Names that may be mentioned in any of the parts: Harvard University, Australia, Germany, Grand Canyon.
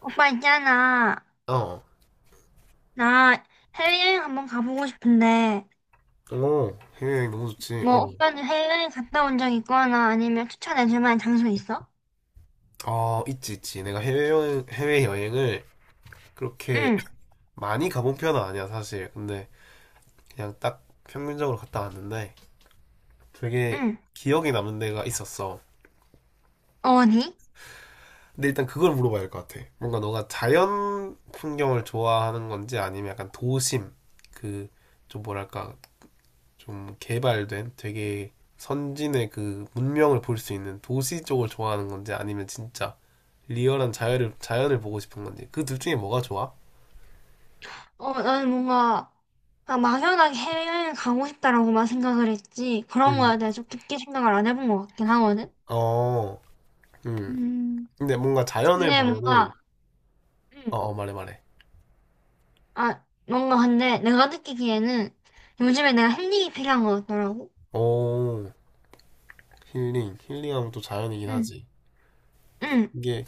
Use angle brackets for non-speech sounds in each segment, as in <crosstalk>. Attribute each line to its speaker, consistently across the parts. Speaker 1: 오빠 있잖아.
Speaker 2: 어,
Speaker 1: 나 해외여행 한번 가보고 싶은데,
Speaker 2: 어, 해외여행 너무 좋지. 어,
Speaker 1: 오빠는 해외여행 갔다 온 적 있거나 아니면 추천해줄 만한 장소 있어?
Speaker 2: 어, 있지, 있지. 내가 해외여행을 그렇게
Speaker 1: 응,
Speaker 2: <laughs> 많이 가본 편은 아니야, 사실. 근데 그냥 딱 평균적으로 갔다 왔는데 되게
Speaker 1: 응.
Speaker 2: 기억에 남는 데가 있었어.
Speaker 1: 어디?
Speaker 2: 근데 일단 그걸 물어봐야 할 것 같아. 뭔가 너가 자연 풍경을 좋아하는 건지 아니면 약간 도심, 그, 좀 뭐랄까, 좀 개발된 되게 선진의 그 문명을 볼 수 있는 도시 쪽을 좋아하는 건지 아니면 진짜 리얼한 자연을 보고 싶은 건지 그 둘 중에 뭐가 좋아?
Speaker 1: 나는 뭔가 막 막연하게 해외여행 가고 싶다라고만 생각을 했지. 그런
Speaker 2: 음.
Speaker 1: 거에 대해서 깊게 생각을 안 해본 것 같긴 하거든.
Speaker 2: 어, 음.
Speaker 1: 음,
Speaker 2: 근데 뭔가 자연을
Speaker 1: 근데
Speaker 2: 보면은
Speaker 1: 뭔가, 응,
Speaker 2: 어, 어 말해 말해.
Speaker 1: 아, 뭔가 근데 내가 느끼기에는 요즘에 내가 힐링이 필요한 것 같더라고.
Speaker 2: 오, 힐링. 힐링하면 또 자연이긴
Speaker 1: 응,
Speaker 2: 하지.
Speaker 1: 응,
Speaker 2: 이게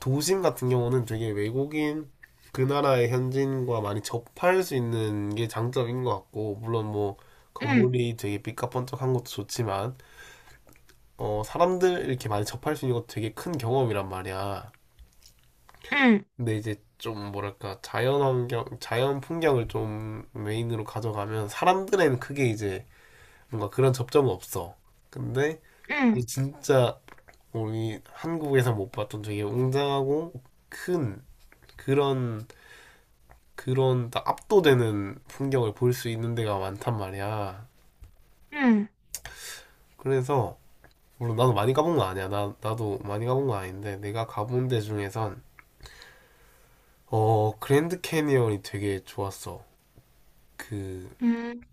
Speaker 2: 도심 같은 경우는 되게 외국인 그 나라의 현지인과 많이 접할 수 있는 게 장점인 것 같고 물론 뭐
Speaker 1: 응,
Speaker 2: 건물이 되게 삐까뻔쩍한 것도 좋지만 어, 사람들 이렇게 많이 접할 수 있는 것도 되게 큰 경험이란 말이야.
Speaker 1: 응,
Speaker 2: 근데 이제 좀 뭐랄까 자연 환경, 자연 풍경을 좀 메인으로 가져가면 사람들에는 크게 이제 뭔가 그런 접점은 없어. 근데
Speaker 1: 응,
Speaker 2: 이게 진짜 우리 한국에서 못 봤던 되게 웅장하고 큰 그런 그런 딱 압도되는 풍경을 볼 수 있는 데가 많단 말이야.
Speaker 1: 응.
Speaker 2: 그래서 물론 나도 많이 가본 건 아니야. 나 나도 많이 가본 건 아닌데 내가 가본 데 중에선 어, 그랜드 캐니언이 되게 좋았어. 그,
Speaker 1: 음,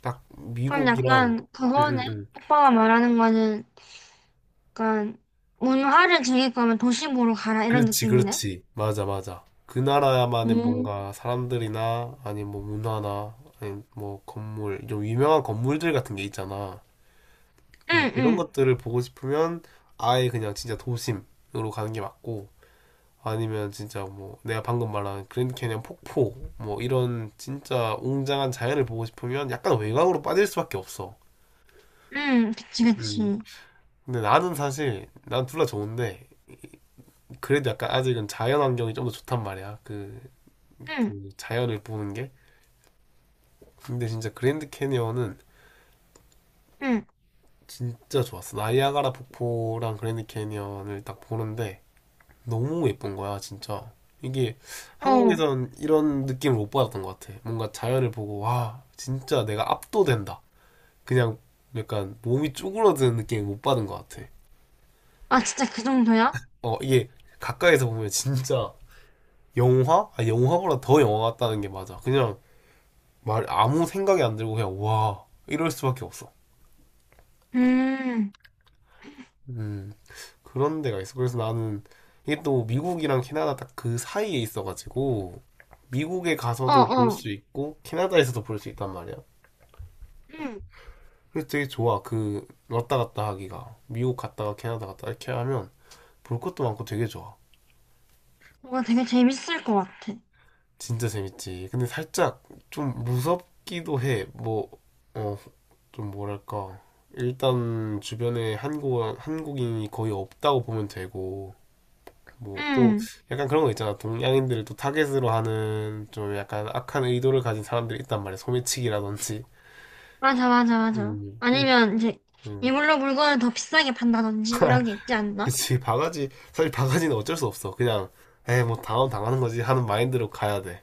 Speaker 2: 딱
Speaker 1: 그럼
Speaker 2: 미국이랑,
Speaker 1: 약간
Speaker 2: 응,
Speaker 1: 그거네.
Speaker 2: 응, 응.
Speaker 1: 오빠가 말하는 거는 약간 문화를 즐길 거면 도시부로 가라 이런
Speaker 2: 그렇지,
Speaker 1: 느낌이네.
Speaker 2: 그렇지. 맞아, 맞아. 그 나라만의
Speaker 1: 음,
Speaker 2: 뭔가 사람들이나, 아니면 뭐 문화나, 아니면 뭐 건물, 좀 유명한 건물들 같은 게 있잖아. 응,
Speaker 1: 응,
Speaker 2: 그런
Speaker 1: 응,
Speaker 2: 것들을 보고 싶으면 아예 그냥 진짜 도심으로 가는 게 맞고, 아니면 진짜 뭐 내가 방금 말한 그랜드 캐니언 폭포, 뭐 이런 진짜 웅장한 자연을 보고 싶으면 약간 외곽으로 빠질 수밖에 없어.
Speaker 1: 응, 그치,
Speaker 2: 음.
Speaker 1: 그치.
Speaker 2: 근데 나는 사실 난 둘 다 좋은데 그래도 약간 아직은 자연 환경이 좀 더 좋단 말이야. 그,
Speaker 1: 응,
Speaker 2: 그 자연을 보는 게. 근데 진짜 그랜드 캐니언은
Speaker 1: 응,
Speaker 2: 진짜 좋았어. 나이아가라 폭포랑 그랜드 캐니언을 딱 보는데 너무 예쁜 거야, 진짜. 이게
Speaker 1: 어.
Speaker 2: 한국에선 이런 느낌을 못 받았던 것 같아. 뭔가 자연을 보고 와, 진짜 내가 압도된다. 그냥 약간 몸이 쭈그러드는 느낌을 못 받은 것 같아.
Speaker 1: 아, 진짜 그 정도야?
Speaker 2: 어, 이게 가까이서 보면 진짜 영화? 아, 영화보다 더 영화 같다는 게 맞아. 그냥 말 아무 생각이 안 들고 그냥 와 이럴 수밖에 없어.
Speaker 1: 음,
Speaker 2: 음 그런 데가 있어. 그래서 나는 이게 또 미국이랑 캐나다 딱 그 사이에 있어가지고 미국에
Speaker 1: 어,
Speaker 2: 가서도 볼
Speaker 1: 어.
Speaker 2: 수 있고 캐나다에서도 볼 수 있단 말이야.
Speaker 1: 응,
Speaker 2: 그래서 되게 좋아. 그 왔다 갔다 하기가 미국 갔다가 캐나다 갔다 이렇게 하면 볼 것도 많고 되게 좋아.
Speaker 1: 뭔가 되게 재밌을 것 같아.
Speaker 2: 진짜 재밌지. 근데 살짝 좀 무섭기도 해. 뭐, 어, 좀 뭐랄까. 일단 주변에 한국, 한국인이 거의 없다고 보면 되고, 뭐, 또
Speaker 1: 응,
Speaker 2: 약간 그런 거 있잖아. 동양인들을 또 타겟으로 하는 좀 약간 악한 의도를 가진 사람들이 있단 말이야. 소매치기라든지.
Speaker 1: 맞아, 맞아, 맞아.
Speaker 2: 음, 음,
Speaker 1: 아니면 이제
Speaker 2: 음.
Speaker 1: 이걸로 물건을 더 비싸게 판다든지 이런 게 있지 않나?
Speaker 2: 그치. 바가지, 사실 바가지는 어쩔 수 없어. 그냥, 에이, 뭐, 당하면 당하는 거지 하는 마인드로 가야 돼.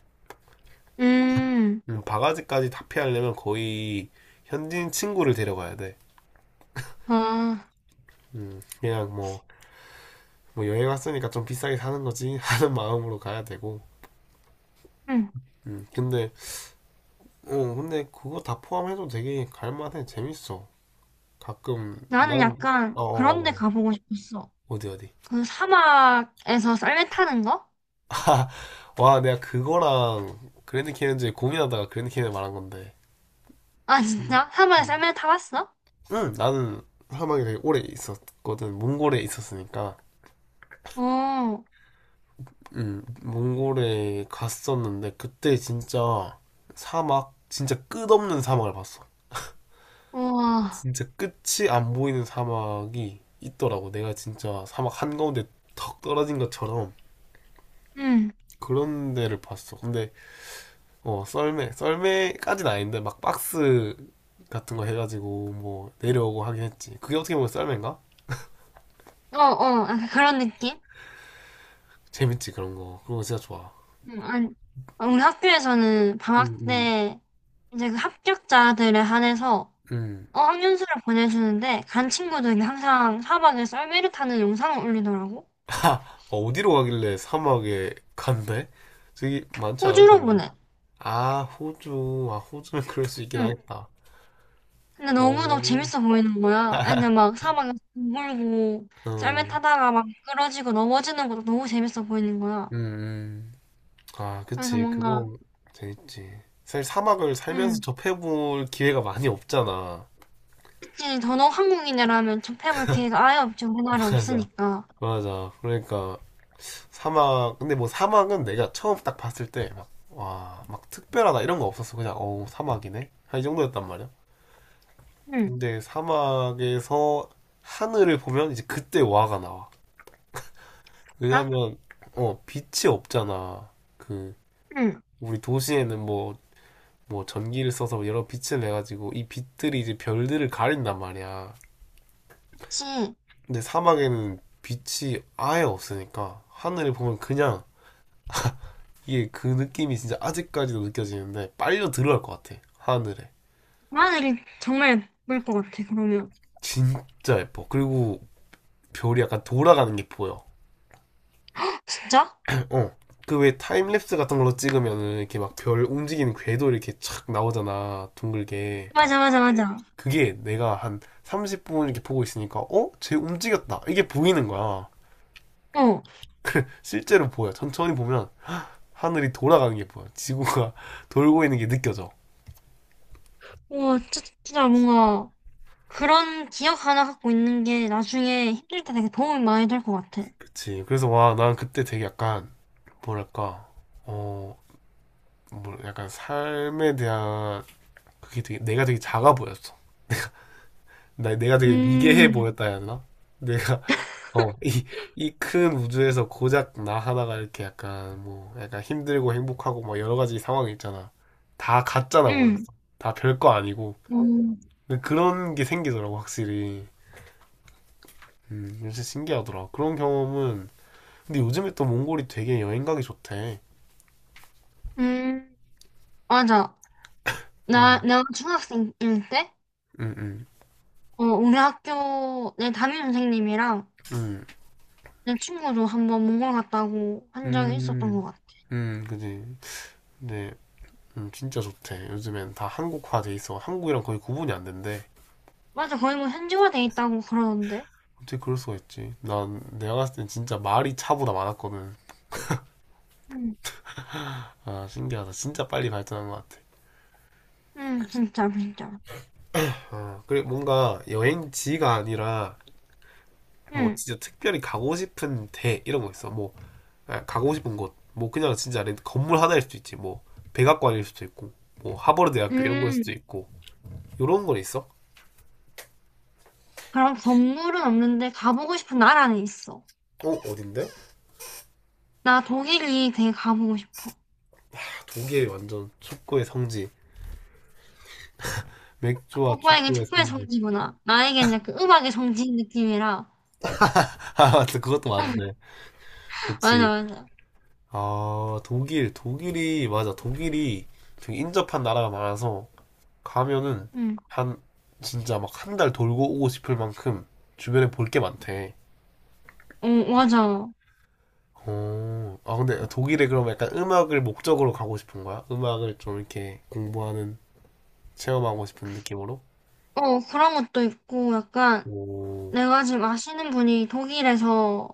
Speaker 1: 음,
Speaker 2: 바가지까지 다 피하려면 거의 현지인 친구를 데려가야 돼.
Speaker 1: 아,
Speaker 2: 그냥 뭐, 뭐 여행 왔으니까 좀 비싸게 사는 거지 <laughs> 하는 마음으로 가야 되고.
Speaker 1: 응.
Speaker 2: 근데, 어, 근데 그거 다 포함해도 되게 갈만해. 재밌어. 가끔, 난,
Speaker 1: 나는 약간
Speaker 2: 어, 어, 어,
Speaker 1: 그런 데
Speaker 2: 말해.
Speaker 1: 가보고 싶었어.
Speaker 2: 어디, 어디.
Speaker 1: 그 사막에서 썰매 타는 거?
Speaker 2: <laughs> 와, 내가 그거랑 그랜드 캐니언즈 고민하다가 그랜드 캐니언 말한 건데.
Speaker 1: 아,
Speaker 2: 음,
Speaker 1: 진짜? 사막에
Speaker 2: 음.
Speaker 1: 썰매 타봤어?
Speaker 2: 응, 나는 사막에 되게 오래 있었거든. 몽골에 있었으니까.
Speaker 1: 어,
Speaker 2: 몽골에 갔었는데, 그때 진짜 사막, 진짜 끝없는 사막을 봤어.
Speaker 1: 우와.
Speaker 2: 진짜 끝이 안 보이는 사막이 있더라고. 내가 진짜 사막 한가운데 턱 떨어진 것처럼
Speaker 1: 응.
Speaker 2: 그런 데를 봤어. 근데 어 썰매까지는 아닌데 막 박스 같은 거 해가지고 뭐 내려오고 하긴 했지. 그게 어떻게 보면 썰매인가?
Speaker 1: 어, 어. 약간 그런 느낌?
Speaker 2: 재밌지 그런 거. 그런 거 진짜 좋아.
Speaker 1: 응, 아니, 우리 학교에서는
Speaker 2: 음,
Speaker 1: 방학
Speaker 2: 음,
Speaker 1: 때 이제 그 합격자들에 한해서
Speaker 2: 음.
Speaker 1: 어학연수를 보내주는데 간 친구들이 항상 사막에 썰매를 타는 영상을 올리더라고.
Speaker 2: 어, 어디로 가길래 사막에 간대? 저기 많지 않을
Speaker 1: 호주로
Speaker 2: 텐데.
Speaker 1: 보내.
Speaker 2: 아, 호주. 아, 호주면 그럴 수 있긴
Speaker 1: 응.
Speaker 2: 하겠다.
Speaker 1: 근데 너무너무
Speaker 2: 오.
Speaker 1: 재밌어 보이는 거야.
Speaker 2: <laughs>
Speaker 1: 애들 막 사막에서 물고 썰매
Speaker 2: 음,
Speaker 1: 타다가 막 미끄러지고 넘어지는 것도 너무 재밌어 보이는 거야.
Speaker 2: 음, 음. 아,
Speaker 1: 그래서
Speaker 2: 그치.
Speaker 1: 뭔가,
Speaker 2: 그거 재밌지. 사실 사막을 살면서
Speaker 1: 음,
Speaker 2: 접해볼 기회가 많이 없잖아.
Speaker 1: 이 전업 한국인이라면 접해볼 기회가 아예 없죠. 우리나라에
Speaker 2: <laughs> 맞아.
Speaker 1: 없으니까.
Speaker 2: 맞아. 그러니까 사막, 근데 뭐 사막은 내가 처음 딱 봤을 때 막, 와, 막 특별하다 이런 거 없었어. 그냥, 어우, 사막이네? 한 이 정도였단 말이야.
Speaker 1: 응
Speaker 2: 근데 사막에서 하늘을 보면 이제 그때 와가 나와.
Speaker 1: 나?
Speaker 2: 왜냐면, 어, 빛이 없잖아. 그,
Speaker 1: 응
Speaker 2: 우리 도시에는 뭐, 뭐 전기를 써서 뭐 여러 빛을 내가지고 이 빛들이 이제 별들을 가린단 말이야.
Speaker 1: 그치.
Speaker 2: 근데 사막에는 빛이 아예 없으니까 하늘을 보면 그냥 이게 그 느낌이 진짜 아직까지도 느껴지는데 빨려 들어갈 것 같아 하늘에
Speaker 1: 엄마들이 정말 예쁠 것 같아, 그러면.
Speaker 2: 진짜 예뻐 그리고 별이 약간 돌아가는 게 보여
Speaker 1: 진짜?
Speaker 2: <laughs> 어 그 왜 타임랩스 같은 걸로 찍으면은 이렇게 막 별 움직이는 궤도 이렇게 착 나오잖아 둥글게
Speaker 1: 맞아, 맞아, 맞아.
Speaker 2: 그게 내가 한 30분 이렇게 보고 있으니까 어? 쟤 움직였다 이게 보이는 거야
Speaker 1: 어,
Speaker 2: 실제로 보여 천천히 보면 하늘이 돌아가는 게 보여 지구가 <laughs> 돌고 있는 게 느껴져
Speaker 1: 와, 진짜 뭔가 그런 기억 하나 갖고 있는 게 나중에 힘들 때 되게 도움이 많이 될 것 같아.
Speaker 2: 그치. 그래서 와, 난 그때 되게 약간, 뭐랄까, 어, 뭐, 약간 삶에 대한, 그게 되게, 내가 되게 작아 보였어. 나, 내가 되게 미개해
Speaker 1: 음,
Speaker 2: 보였다 해야 되나? 내가, <laughs> 어, 이 큰 우주에서 고작 나 하나가 이렇게 약간, 뭐, 약간 힘들고 행복하고 막 여러 가지 상황이 있잖아. 다 가짜나
Speaker 1: 음,
Speaker 2: 보였어. 다 별거 아니고.
Speaker 1: 음,
Speaker 2: 근데 그런 게 생기더라고, 확실히. 진짜 신기하더라. 그런 경험은, 근데 요즘에 또 몽골이 되게 여행 가기 좋대.
Speaker 1: 음, 맞아.
Speaker 2: 음.
Speaker 1: 내가 중학생일 때,
Speaker 2: 응, 응.
Speaker 1: 어, 우리 학교 내 담임 선생님이랑
Speaker 2: 음,
Speaker 1: 내 친구도 한번 몽골 갔다고 한 적이 있었던 것
Speaker 2: 음,
Speaker 1: 같아.
Speaker 2: 그지. 근데, 진짜 좋대. 요즘엔 다 한국화 돼 있어. 한국이랑 거의 구분이 안 된대.
Speaker 1: 맞아, 거의 뭐 현지화돼 있다고 그러던데.
Speaker 2: 어떻게 그럴 수가 있지? 난 내가 갔을 땐 진짜 말이 차보다 많았거든.
Speaker 1: 응,
Speaker 2: 아, 신기하다. 진짜 빨리 발전한 것 같아.
Speaker 1: 응, 진짜, 진짜.
Speaker 2: 아, 그리고 뭔가 여행지가 아니라, 뭐,
Speaker 1: 응,
Speaker 2: 진짜 특별히 가고 싶은 데, 이런 거 있어. 뭐, 아, 가고 싶은 곳. 뭐, 그냥 진짜 렌- 건물 하나일 수도 있지. 뭐, 백악관일 수도 있고, 뭐, 하버드 대학교 이런 거일 수도
Speaker 1: 음.
Speaker 2: 있고. 요런 건 있어?
Speaker 1: 그럼 건물은 없는데 가보고 싶은 나라는 있어.
Speaker 2: 어, 어딘데?
Speaker 1: 나 독일이 되게 가보고 싶어.
Speaker 2: 독일 완전 축구의 성지. 맥주와
Speaker 1: 오빠에겐
Speaker 2: 축구의
Speaker 1: 축구의
Speaker 2: 성지.
Speaker 1: 성지구나. 나에겐 약간 음악의 성지인 느낌이라.
Speaker 2: <laughs> 아, 맞다. 그것도 맞네.
Speaker 1: <laughs> 맞아,
Speaker 2: 그치.
Speaker 1: 맞아.
Speaker 2: 아, 독일. 독일이, 맞아. 독일이 되게 인접한 나라가 많아서 가면은
Speaker 1: 응,
Speaker 2: 한, 진짜 막 한 달 돌고 오고 싶을 만큼 주변에 볼 게 많대.
Speaker 1: 어, 맞아. 어,
Speaker 2: 어, 아, 근데 독일에 그럼 약간 음악을 목적으로 가고 싶은 거야? 음악을 좀 이렇게 공부하는, 체험하고 싶은 느낌으로?
Speaker 1: 그런 것도 있고, 약간
Speaker 2: 오,
Speaker 1: 내가 지금 아시는 분이 독일에서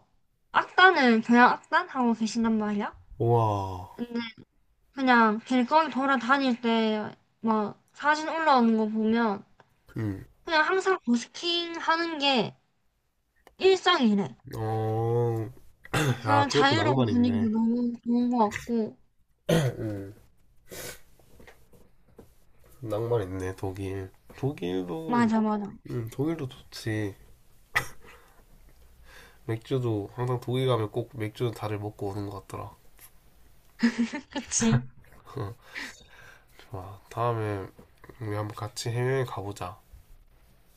Speaker 1: 악단을, 교향 악단 하고 계신단 말이야.
Speaker 2: 우와.
Speaker 1: 그냥 길거리 돌아다닐 때 막 사진 올라오는 거 보면
Speaker 2: 음,
Speaker 1: 그냥 항상 버스킹 하는 게 일상이래.
Speaker 2: 어, 아,
Speaker 1: 그런
Speaker 2: 그것도
Speaker 1: 자유로운
Speaker 2: 낭만
Speaker 1: 분위기도
Speaker 2: 있네.
Speaker 1: 너무 좋은 것 같고.
Speaker 2: 음, 낭만 있네, 독일. 독일도,
Speaker 1: 맞아, 맞아.
Speaker 2: 독일도 좋지. 맥주도 항상 독일 가면 꼭 맥주 다들 먹고 오는 것 같더라.
Speaker 1: 그치?
Speaker 2: <laughs> 좋아. 다음에 우리 한번 같이 해외 가보자.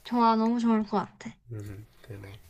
Speaker 1: 좋아, 너무 좋을 것 같아.
Speaker 2: 그래.